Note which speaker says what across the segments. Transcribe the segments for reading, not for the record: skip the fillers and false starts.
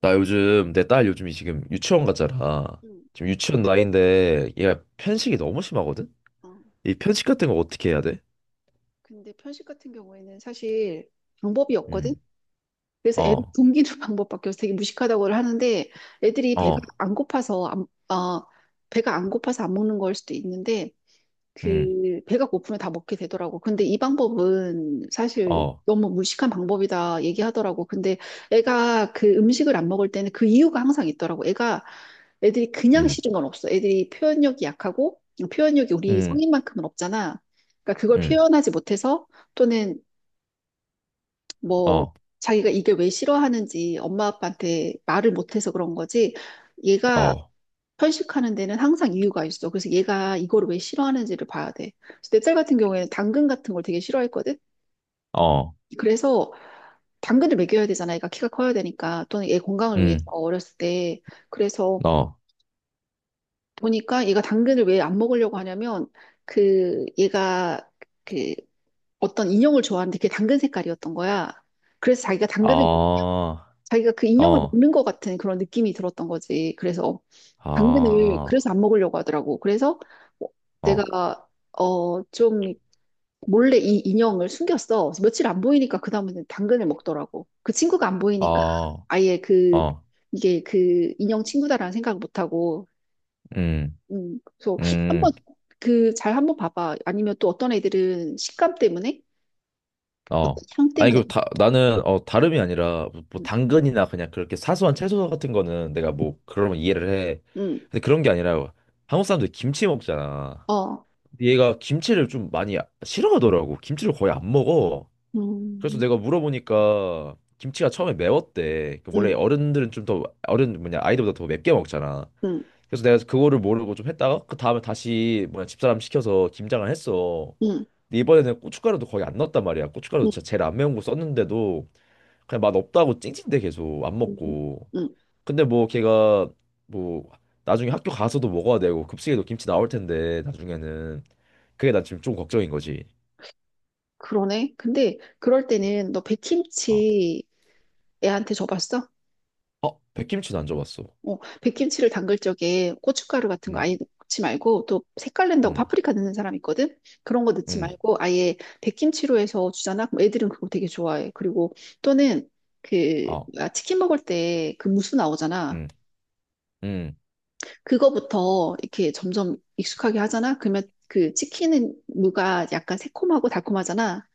Speaker 1: 나 요즘 내 딸 요즘이 지금 유치원 가잖아.
Speaker 2: 음,
Speaker 1: 지금 유치원 나이인데 얘가 편식이 너무 심하거든.
Speaker 2: 어.
Speaker 1: 이 편식 같은 거 어떻게 해야 돼?
Speaker 2: 근데 편식 같은 경우에는 사실 방법이 없거든?
Speaker 1: 음.
Speaker 2: 그래서 애를
Speaker 1: 어.
Speaker 2: 굶기는 방법밖에 없어. 되게 무식하다고 하는데 애들이 배가
Speaker 1: 어.
Speaker 2: 안 고파서 안, 어, 배가 안 고파서 안 먹는 걸 수도 있는데
Speaker 1: 음.
Speaker 2: 그 배가 고프면 다 먹게 되더라고. 근데 이 방법은 사실
Speaker 1: 어.
Speaker 2: 너무 무식한 방법이다 얘기하더라고. 근데 애가 그 음식을 안 먹을 때는 그 이유가 항상 있더라고. 애가 애들이 그냥
Speaker 1: 음.
Speaker 2: 싫은 건 없어. 애들이 표현력이 약하고 표현력이 우리
Speaker 1: 음.
Speaker 2: 성인만큼은 없잖아. 그러니까 그걸
Speaker 1: 음.
Speaker 2: 표현하지 못해서 또는 뭐
Speaker 1: 어.
Speaker 2: 자기가 이게 왜 싫어하는지 엄마 아빠한테 말을 못해서 그런 거지. 얘가
Speaker 1: 어.
Speaker 2: 편식하는 데는 항상 이유가 있어. 그래서 얘가 이걸 왜 싫어하는지를 봐야 돼. 그래서 내딸 같은 경우에는 당근 같은 걸 되게 싫어했거든.
Speaker 1: 어.
Speaker 2: 그래서 당근을 먹여야 되잖아. 얘가 키가 커야 되니까. 또는 얘 건강을 위해서
Speaker 1: 음.
Speaker 2: 어렸을 때. 그래서
Speaker 1: 어.
Speaker 2: 보니까 얘가 당근을 왜 안 먹으려고 하냐면 그 얘가 그 어떤 인형을 좋아하는데 그게 당근 색깔이었던 거야. 그래서 자기가 당근을
Speaker 1: 아.
Speaker 2: 자기가 그 인형을
Speaker 1: 어.
Speaker 2: 먹는 것 같은 그런 느낌이 들었던 거지. 그래서 당근을
Speaker 1: 아.
Speaker 2: 그래서 안 먹으려고 하더라고. 그래서 어, 내가
Speaker 1: 어.
Speaker 2: 좀 몰래 이 인형을 숨겼어. 그래서 며칠 안 보이니까 그다음에는 당근을 먹더라고. 그 친구가 안 보이니까
Speaker 1: 어.
Speaker 2: 아예 그
Speaker 1: 어.
Speaker 2: 이게 그 인형 친구다라는 생각을 못 하고.
Speaker 1: 음.
Speaker 2: 그래서 한번
Speaker 1: 음.
Speaker 2: 그 잘 한번 봐봐. 아니면 또 어떤 애들은 식감 때문에 어떤
Speaker 1: 어.
Speaker 2: 향
Speaker 1: 아니,
Speaker 2: 때문에
Speaker 1: 그, 나는, 다름이 아니라, 뭐
Speaker 2: 음,
Speaker 1: 당근이나 그냥 그렇게 사소한 채소 같은 거는 내가 뭐, 그러면 이해를 해.
Speaker 2: 음,
Speaker 1: 근데 그런 게 아니라, 한국 사람들 이 김치 먹잖아.
Speaker 2: 어,
Speaker 1: 근데 얘가 김치를 좀 많이 싫어하더라고. 김치를 거의 안 먹어. 그래서
Speaker 2: 음,
Speaker 1: 내가 물어보니까, 김치가 처음에 매웠대. 그 원래
Speaker 2: 음,
Speaker 1: 어른들은 좀 더, 어른, 뭐냐, 아이들보다 더 맵게 먹잖아.
Speaker 2: 음,
Speaker 1: 그래서 내가 그거를 모르고 좀 했다가, 그 다음에 다시, 뭐냐, 집사람 시켜서 김장을 했어.
Speaker 2: 음,
Speaker 1: 근데 이번에는 고춧가루도 거의 안 넣었단 말이야. 고춧가루도
Speaker 2: 음.
Speaker 1: 진짜 제일 안 매운 거 썼는데도 그냥 맛 없다고 찡찡대 계속 안
Speaker 2: 음,
Speaker 1: 먹고.
Speaker 2: 음,
Speaker 1: 근데 뭐 걔가 뭐 나중에 학교 가서도 먹어야 되고 급식에도 김치 나올 텐데 나중에는 그게 난 지금 좀 걱정인 거지.
Speaker 2: 그러네. 근데 그럴 때는 너
Speaker 1: 어,
Speaker 2: 백김치 애한테 줘봤어?
Speaker 1: 어, 백김치도 안 줘봤어.
Speaker 2: 어, 백김치를 담글 적에 고춧가루 같은 거
Speaker 1: 음,
Speaker 2: 아예 넣지 말고 또 색깔 낸다고
Speaker 1: 음,
Speaker 2: 파프리카 넣는 사람 있거든? 그런 거 넣지
Speaker 1: 음,
Speaker 2: 말고 아예 백김치로 해서 주잖아? 그럼 애들은 그거 되게 좋아해. 그리고 또는 그
Speaker 1: 어,
Speaker 2: 아, 치킨 먹을 때 그 무수 나오잖아.
Speaker 1: 음, 음,
Speaker 2: 그거부터 이렇게 점점 익숙하게 하잖아? 그러면 그 치킨은 무가 약간 새콤하고 달콤하잖아.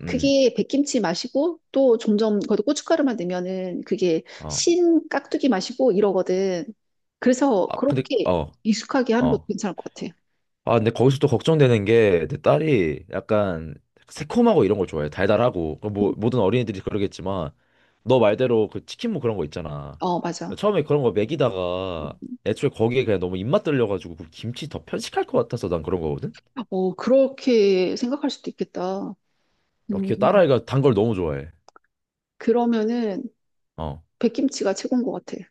Speaker 1: 음,
Speaker 2: 그게 백김치 맛이고 또 점점 거기다 고춧가루만 넣으면은 그게
Speaker 1: 어.
Speaker 2: 신 깍두기 맛이고 이러거든. 그래서
Speaker 1: 아, 근데
Speaker 2: 그렇게
Speaker 1: 어,
Speaker 2: 익숙하게 하는 것도
Speaker 1: 어.
Speaker 2: 괜찮을 것 같아.
Speaker 1: 아, 근데 거기서 또 걱정되는 게 내 딸이 약간 새콤하고 이런 걸 좋아해. 달달하고. 그뭐
Speaker 2: 음,
Speaker 1: 모든 어린이들이 그러겠지만 너 말대로 그 치킨 무 그런 거 있잖아.
Speaker 2: 어, 맞아.
Speaker 1: 처음에 그런 거 먹이다가 애초에 거기에 그냥 너무 입맛 들려가지고 그 김치 더 편식할 것 같아서 난 그런 거거든.
Speaker 2: 어, 그렇게 생각할 수도 있겠다.
Speaker 1: 어,
Speaker 2: 음,
Speaker 1: 걔 딸아이가 단걸 너무 좋아해.
Speaker 2: 그러면은
Speaker 1: 어.
Speaker 2: 백김치가 최고인 것 같아.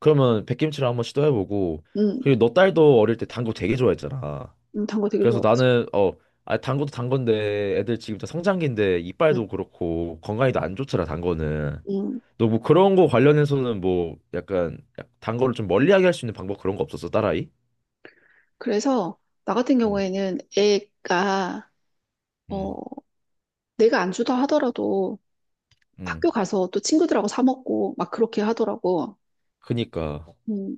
Speaker 1: 그러면 백김치를 한번 시도해보고
Speaker 2: 음,
Speaker 1: 그리고 너 딸도 어릴 때 단거 되게 좋아했잖아.
Speaker 2: 단거 되게
Speaker 1: 그래서
Speaker 2: 좋아하지.
Speaker 1: 나는 어, 아, 단 것도 단 건데 애들 지금 다 성장기인데
Speaker 2: 음,
Speaker 1: 이빨도 그렇고 건강이 도안 좋더라 단 거는.
Speaker 2: 음.
Speaker 1: 너 뭐 그런 거 관련해서는 뭐 약간 단 거를 좀 멀리하게 할 수 있는 방법 그런 거 없었어 딸아이?
Speaker 2: 그래서 나 같은
Speaker 1: 음.
Speaker 2: 경우에는 애가 어,
Speaker 1: 음,
Speaker 2: 내가 안 주다 하더라도
Speaker 1: 음,
Speaker 2: 학교 가서 또 친구들하고 사 먹고 막 그렇게 하더라고.
Speaker 1: 그니까,
Speaker 2: 음,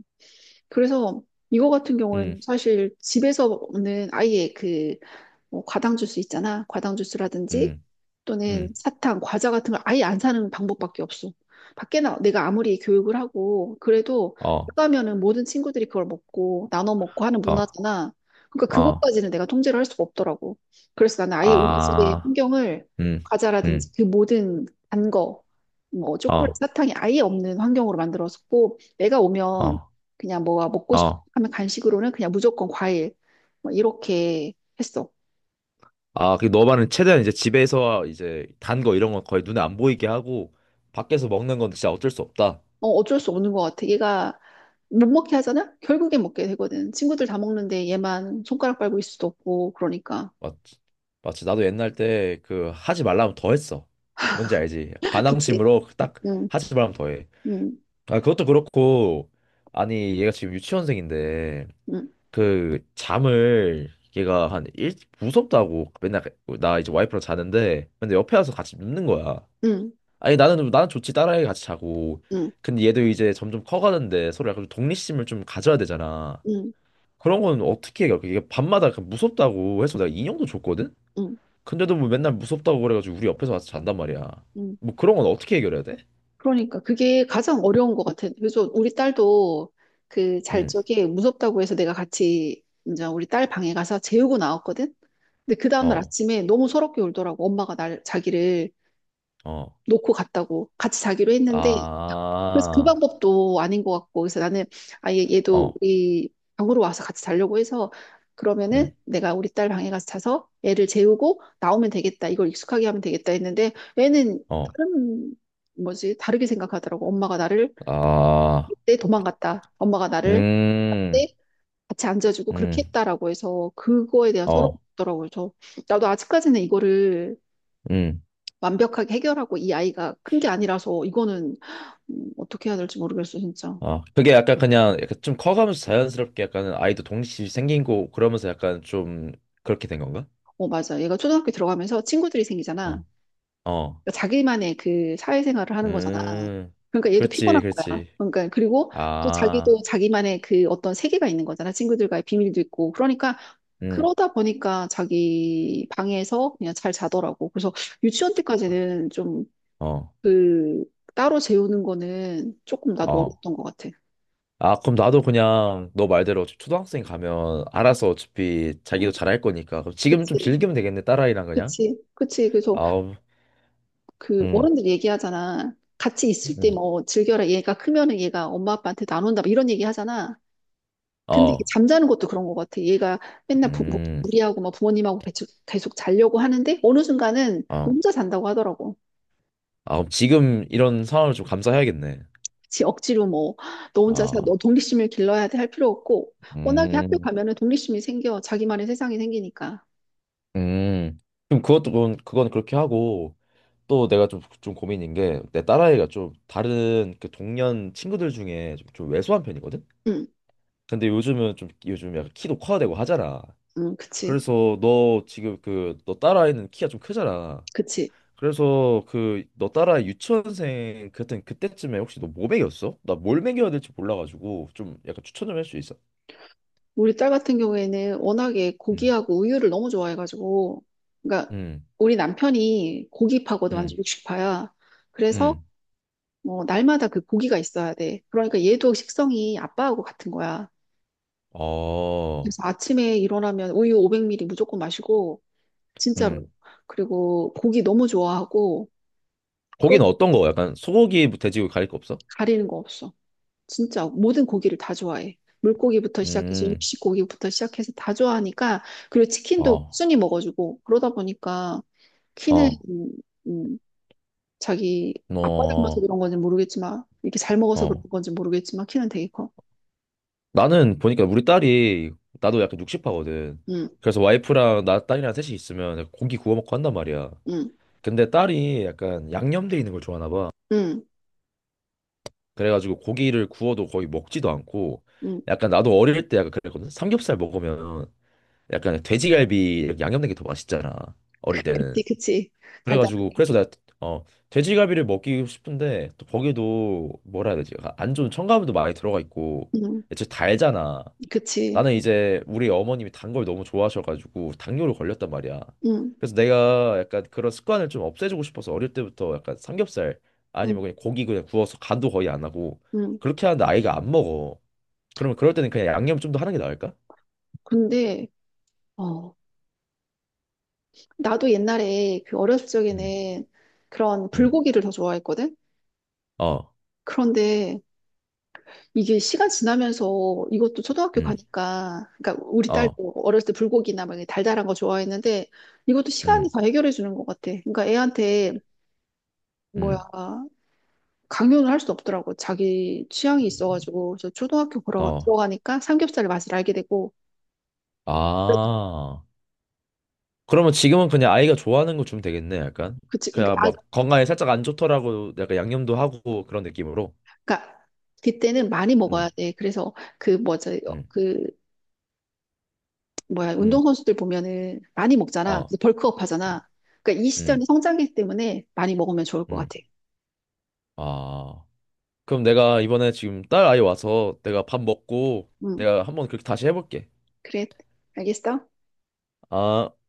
Speaker 2: 그래서 이거 같은
Speaker 1: 음,
Speaker 2: 경우에는 사실 집에서 는 아예 그 뭐 과당 주스 있잖아. 과당 주스라든지
Speaker 1: 음,
Speaker 2: 또는
Speaker 1: 음,
Speaker 2: 사탕, 과자 같은 걸 아예 안 사는 방법밖에 없어. 밖에 나 내가 아무리 교육을 하고 그래도 못
Speaker 1: 어,
Speaker 2: 가면은 모든 친구들이 그걸 먹고 나눠 먹고 하는
Speaker 1: 어,
Speaker 2: 문화잖아. 그러니까
Speaker 1: 어,
Speaker 2: 그것까지는 내가 통제를 할 수가 없더라고. 그래서 나는 아예 우리 집의
Speaker 1: 아,
Speaker 2: 환경을
Speaker 1: 음, 음,
Speaker 2: 과자라든지 그 모든 단 거, 뭐 초콜릿,
Speaker 1: 어,
Speaker 2: 사탕이 아예 없는 환경으로 만들었었고 내가 오면
Speaker 1: 어,
Speaker 2: 그냥 뭐가 먹고 싶
Speaker 1: 어,
Speaker 2: 하면 간식으로는 그냥 무조건 과일 뭐 이렇게 했어.
Speaker 1: 아, 그 너만은 최대한 이제 집에서 이제 단 거 이런 건 거의 눈에 안 보이게 하고 밖에서 먹는 건 진짜 어쩔 수 없다.
Speaker 2: 어, 어쩔 수 없는 것 같아. 얘가 못 먹게 하잖아? 결국엔 먹게 되거든. 친구들 다 먹는데 얘만 손가락 빨고 있을 수도 없고, 그러니까.
Speaker 1: 맞지. 맞지. 나도 옛날 때 그 하지 말라면 더 했어. 뭔지 알지?
Speaker 2: 그치?
Speaker 1: 반항심으로 그 딱
Speaker 2: 응,
Speaker 1: 하지 말라면 더 해.
Speaker 2: 응,
Speaker 1: 아, 그것도 그렇고, 아니, 얘가 지금 유치원생인데,
Speaker 2: 응,
Speaker 1: 그 잠을 얘가 한 일, 무섭다고 맨날 그 나 이제 와이프랑 자는데, 근데 옆에 와서 같이 눕는 거야.
Speaker 2: 응,
Speaker 1: 아니, 나는 좋지. 딸아이 같이 자고.
Speaker 2: 응,
Speaker 1: 근데 얘도 이제 점점 커가는데 서로 약간 좀 독립심을 좀 가져야 되잖아.
Speaker 2: 응,
Speaker 1: 그런 건 어떻게 해? 이게 밤마다 그 무섭다고 해서 내가 인형도 줬거든?
Speaker 2: 응,
Speaker 1: 근데도 뭐 맨날 무섭다고 그래가지고 우리 옆에서 와서 잔단 말이야.
Speaker 2: 응.
Speaker 1: 뭐 그런 건 어떻게 해결해야 돼?
Speaker 2: 그러니까 그게 가장 어려운 것 같아. 그래서 우리 딸도 그 잘
Speaker 1: 응,
Speaker 2: 적에 무섭다고 해서 내가 같이 이제 우리 딸 방에 가서 재우고 나왔거든? 근데 그 다음날
Speaker 1: 어,
Speaker 2: 아침에 너무 서럽게 울더라고. 엄마가 날, 자기를
Speaker 1: 어,
Speaker 2: 놓고 갔다고. 같이 자기로 했는데 그래서 그
Speaker 1: 아,
Speaker 2: 방법도 아닌 것 같고 그래서 나는 아예 얘도
Speaker 1: 어,
Speaker 2: 우리 방으로 와서 같이 자려고 해서
Speaker 1: 응,
Speaker 2: 그러면은 내가 우리 딸 방에 가서 자서 애를 재우고 나오면 되겠다 이걸 익숙하게 하면 되겠다 했는데 애는
Speaker 1: 어,
Speaker 2: 다른 뭐지 다르게 생각하더라고 엄마가 나를
Speaker 1: 아,
Speaker 2: 그때 도망갔다 엄마가 나를
Speaker 1: 음,
Speaker 2: 때 같이 앉아주고 그렇게
Speaker 1: 음,
Speaker 2: 했다라고 해서 그거에 대한 서러움이
Speaker 1: 어,
Speaker 2: 있더라고요. 저 나도 아직까지는 이거를
Speaker 1: 음,
Speaker 2: 완벽하게 해결하고 이 아이가 큰 게 아니라서 이거는 어떻게 해야 될지 모르겠어, 진짜.
Speaker 1: 어. 그게 약간 그냥 약간 좀 커가면서 자연스럽게 약간 아이도 독립심이 생긴 거 그러면서 약간 좀 그렇게 된 건가?
Speaker 2: 어, 맞아. 얘가 초등학교 들어가면서 친구들이 생기잖아.
Speaker 1: 어, 어,
Speaker 2: 그러니까 자기만의 그 사회생활을 하는 거잖아.
Speaker 1: 음,
Speaker 2: 그러니까 얘도
Speaker 1: 그렇지,
Speaker 2: 피곤한 거야.
Speaker 1: 그렇지.
Speaker 2: 그러니까 그리고 또
Speaker 1: 아,
Speaker 2: 자기도 자기만의 그 어떤 세계가 있는 거잖아. 친구들과의 비밀도 있고. 그러니까
Speaker 1: 음,
Speaker 2: 그러다 보니까 자기 방에서 그냥 잘 자더라고. 그래서 유치원 때까지는 좀
Speaker 1: 어,
Speaker 2: 그 따로 재우는 거는 조금 나도
Speaker 1: 어.
Speaker 2: 어렸던 것 같아.
Speaker 1: 아, 그럼 나도 그냥 너 말대로 어차피 초등학생 가면 알아서 어차피
Speaker 2: 어,
Speaker 1: 자기도 잘할 거니까. 그럼 지금 좀
Speaker 2: 그치,
Speaker 1: 즐기면 되겠네, 딸아이랑 그냥.
Speaker 2: 그치, 그치. 그래서
Speaker 1: 아우,
Speaker 2: 그
Speaker 1: 음,
Speaker 2: 어른들 얘기하잖아. 같이 있을
Speaker 1: 음,
Speaker 2: 때 뭐 즐겨라. 얘가 크면은 얘가 엄마 아빠한테 나눈다. 막 이런 얘기 하잖아. 근데 이게
Speaker 1: 어,
Speaker 2: 잠자는 것도 그런 것 같아. 얘가 맨날
Speaker 1: 음,
Speaker 2: 무리하고 막 부모님하고 계속, 계속 자려고 하는데 어느 순간은
Speaker 1: 어.
Speaker 2: 혼자 잔다고 하더라고.
Speaker 1: 아, 그럼 지금 이런 상황을 좀 감수해야겠네.
Speaker 2: 그치, 억지로 뭐 너 혼자 사, 너
Speaker 1: 아,
Speaker 2: 독립심을 길러야 돼 할 필요 없고 워낙에 학교
Speaker 1: 음,
Speaker 2: 가면은 독립심이 생겨. 자기만의 세상이 생기니까.
Speaker 1: 음. 그럼 그것도, 그건 그렇게 하고, 또 내가 좀 고민인 게, 내 딸아이가 좀 다른 그 동년 친구들 중에 좀 왜소한 편이거든?
Speaker 2: 응,
Speaker 1: 근데 요즘은 좀, 요즘 약간 키도 커야 되고 하잖아.
Speaker 2: 응, 그치,
Speaker 1: 그래서 너 지금 그 너 딸아이는 키가 좀 크잖아.
Speaker 2: 그치.
Speaker 1: 그래서 그 너 딸아이 유치원생 그때 그때쯤에 혹시 너 뭐 먹였어? 나 뭘 먹여야 될지 몰라가지고 좀 약간 추천 좀 할 수 있어?
Speaker 2: 우리 딸 같은 경우에는 워낙에
Speaker 1: 음.
Speaker 2: 고기하고 우유를 너무 좋아해가지고, 그러니까
Speaker 1: 음,
Speaker 2: 우리 남편이 고기파거든, 완전
Speaker 1: 음,
Speaker 2: 육식파야. 그래서
Speaker 1: 음.
Speaker 2: 뭐 날마다 그 고기가 있어야 돼. 그러니까 얘도 식성이 아빠하고 같은 거야.
Speaker 1: 어,
Speaker 2: 그래서 아침에 일어나면 우유 500ml 무조건 마시고, 진짜로.
Speaker 1: 음.
Speaker 2: 그리고 고기 너무 좋아하고,
Speaker 1: 고기는
Speaker 2: 그러다
Speaker 1: 어떤 거? 약간 소고기, 뭐 돼지고기 가릴 거 없어?
Speaker 2: 가리는 거 없어. 진짜 모든 고기를 다 좋아해. 물고기부터 시작해서
Speaker 1: 음,
Speaker 2: 육식고기부터 시작해서 다 좋아하니까 그리고 치킨도
Speaker 1: 어,
Speaker 2: 순이 먹어주고 그러다 보니까 키는
Speaker 1: 어,
Speaker 2: 음, 자기 아빠 닮아서
Speaker 1: 어,
Speaker 2: 그런 건지 모르겠지만 이렇게 잘 먹어서 그런
Speaker 1: 어.
Speaker 2: 건지 모르겠지만 키는 되게 커.
Speaker 1: 나는 보니까 우리 딸이 나도 약간 육식파거든.
Speaker 2: 응,
Speaker 1: 그래서 와이프랑 나 딸이랑 셋이 있으면 고기 구워 먹고 한단 말이야.
Speaker 2: 응,
Speaker 1: 근데 딸이 약간 양념돼 있는 걸 좋아하나 봐.
Speaker 2: 응,
Speaker 1: 그래가지고 고기를 구워도 거의 먹지도 않고
Speaker 2: 응.
Speaker 1: 약간 나도 어릴 때 약간 그랬거든. 삼겹살 먹으면 약간 돼지갈비 이렇게 양념된 게 더 맛있잖아. 어릴 때는.
Speaker 2: 그치.
Speaker 1: 그래가지고
Speaker 2: 달달하네.
Speaker 1: 그래서 내가 어 돼지갈비를 먹기 싶은데 또 거기도 뭐라 해야 되지? 안 좋은 첨가물도 많이 들어가 있고
Speaker 2: 응,
Speaker 1: 진짜 달잖아.
Speaker 2: 그치.
Speaker 1: 나는 이제 우리 어머님이 단 걸 너무 좋아하셔가지고 당뇨로 걸렸단 말이야.
Speaker 2: 응,
Speaker 1: 그래서 내가 약간 그런 습관을 좀 없애주고 싶어서 어릴 때부터 약간 삼겹살
Speaker 2: 응,
Speaker 1: 아니면 그냥 고기 그냥 구워서 간도 거의 안 하고
Speaker 2: 응.
Speaker 1: 그렇게 하는데 아이가 안 먹어. 그러면 그럴 때는 그냥 양념 좀 더 하는 게 나을까?
Speaker 2: 근데 어 나도 옛날에 그 어렸을
Speaker 1: 음.
Speaker 2: 적에는 그런
Speaker 1: 음,
Speaker 2: 불고기를 더 좋아했거든.
Speaker 1: 어,
Speaker 2: 그런데 이게 시간 지나면서 이것도 초등학교
Speaker 1: 음,
Speaker 2: 가니까, 그러니까 우리
Speaker 1: 어,
Speaker 2: 딸도 어렸을 때 불고기나 막 이렇게 달달한 거 좋아했는데 이것도 시간이
Speaker 1: 음,
Speaker 2: 다 해결해 주는 것 같아. 그러니까 애한테
Speaker 1: 음,
Speaker 2: 뭐야 강요는 할 수 없더라고. 자기 취향이 있어가지고 그래서
Speaker 1: 어.
Speaker 2: 들어가니까 삼겹살의 맛을 알게 되고,
Speaker 1: 아. 그러면 지금은 그냥 아이가 좋아하는 거 주면 되겠네, 약간.
Speaker 2: 그치? 그러니까,
Speaker 1: 그냥
Speaker 2: 아,
Speaker 1: 막 건강에 살짝 안 좋더라고 약간 양념도 하고 그런 느낌으로.
Speaker 2: 그러니까 그때는 많이 먹어야
Speaker 1: 음,
Speaker 2: 돼. 그래서 그 뭐지
Speaker 1: 음,
Speaker 2: 그 뭐야
Speaker 1: 음.
Speaker 2: 운동선수들 보면은 많이 먹잖아.
Speaker 1: 아,
Speaker 2: 그래서 벌크업
Speaker 1: 음,
Speaker 2: 하잖아. 그러니까 이 시절이
Speaker 1: 음.
Speaker 2: 성장기 때문에 많이 먹으면 좋을 것
Speaker 1: 음.
Speaker 2: 같아.
Speaker 1: 아. 그럼 내가 이번에 지금 딸 아이 와서 내가 밥 먹고
Speaker 2: 응.
Speaker 1: 내가 한번 그렇게 다시 해볼게.
Speaker 2: 그래, 알겠어?
Speaker 1: 아.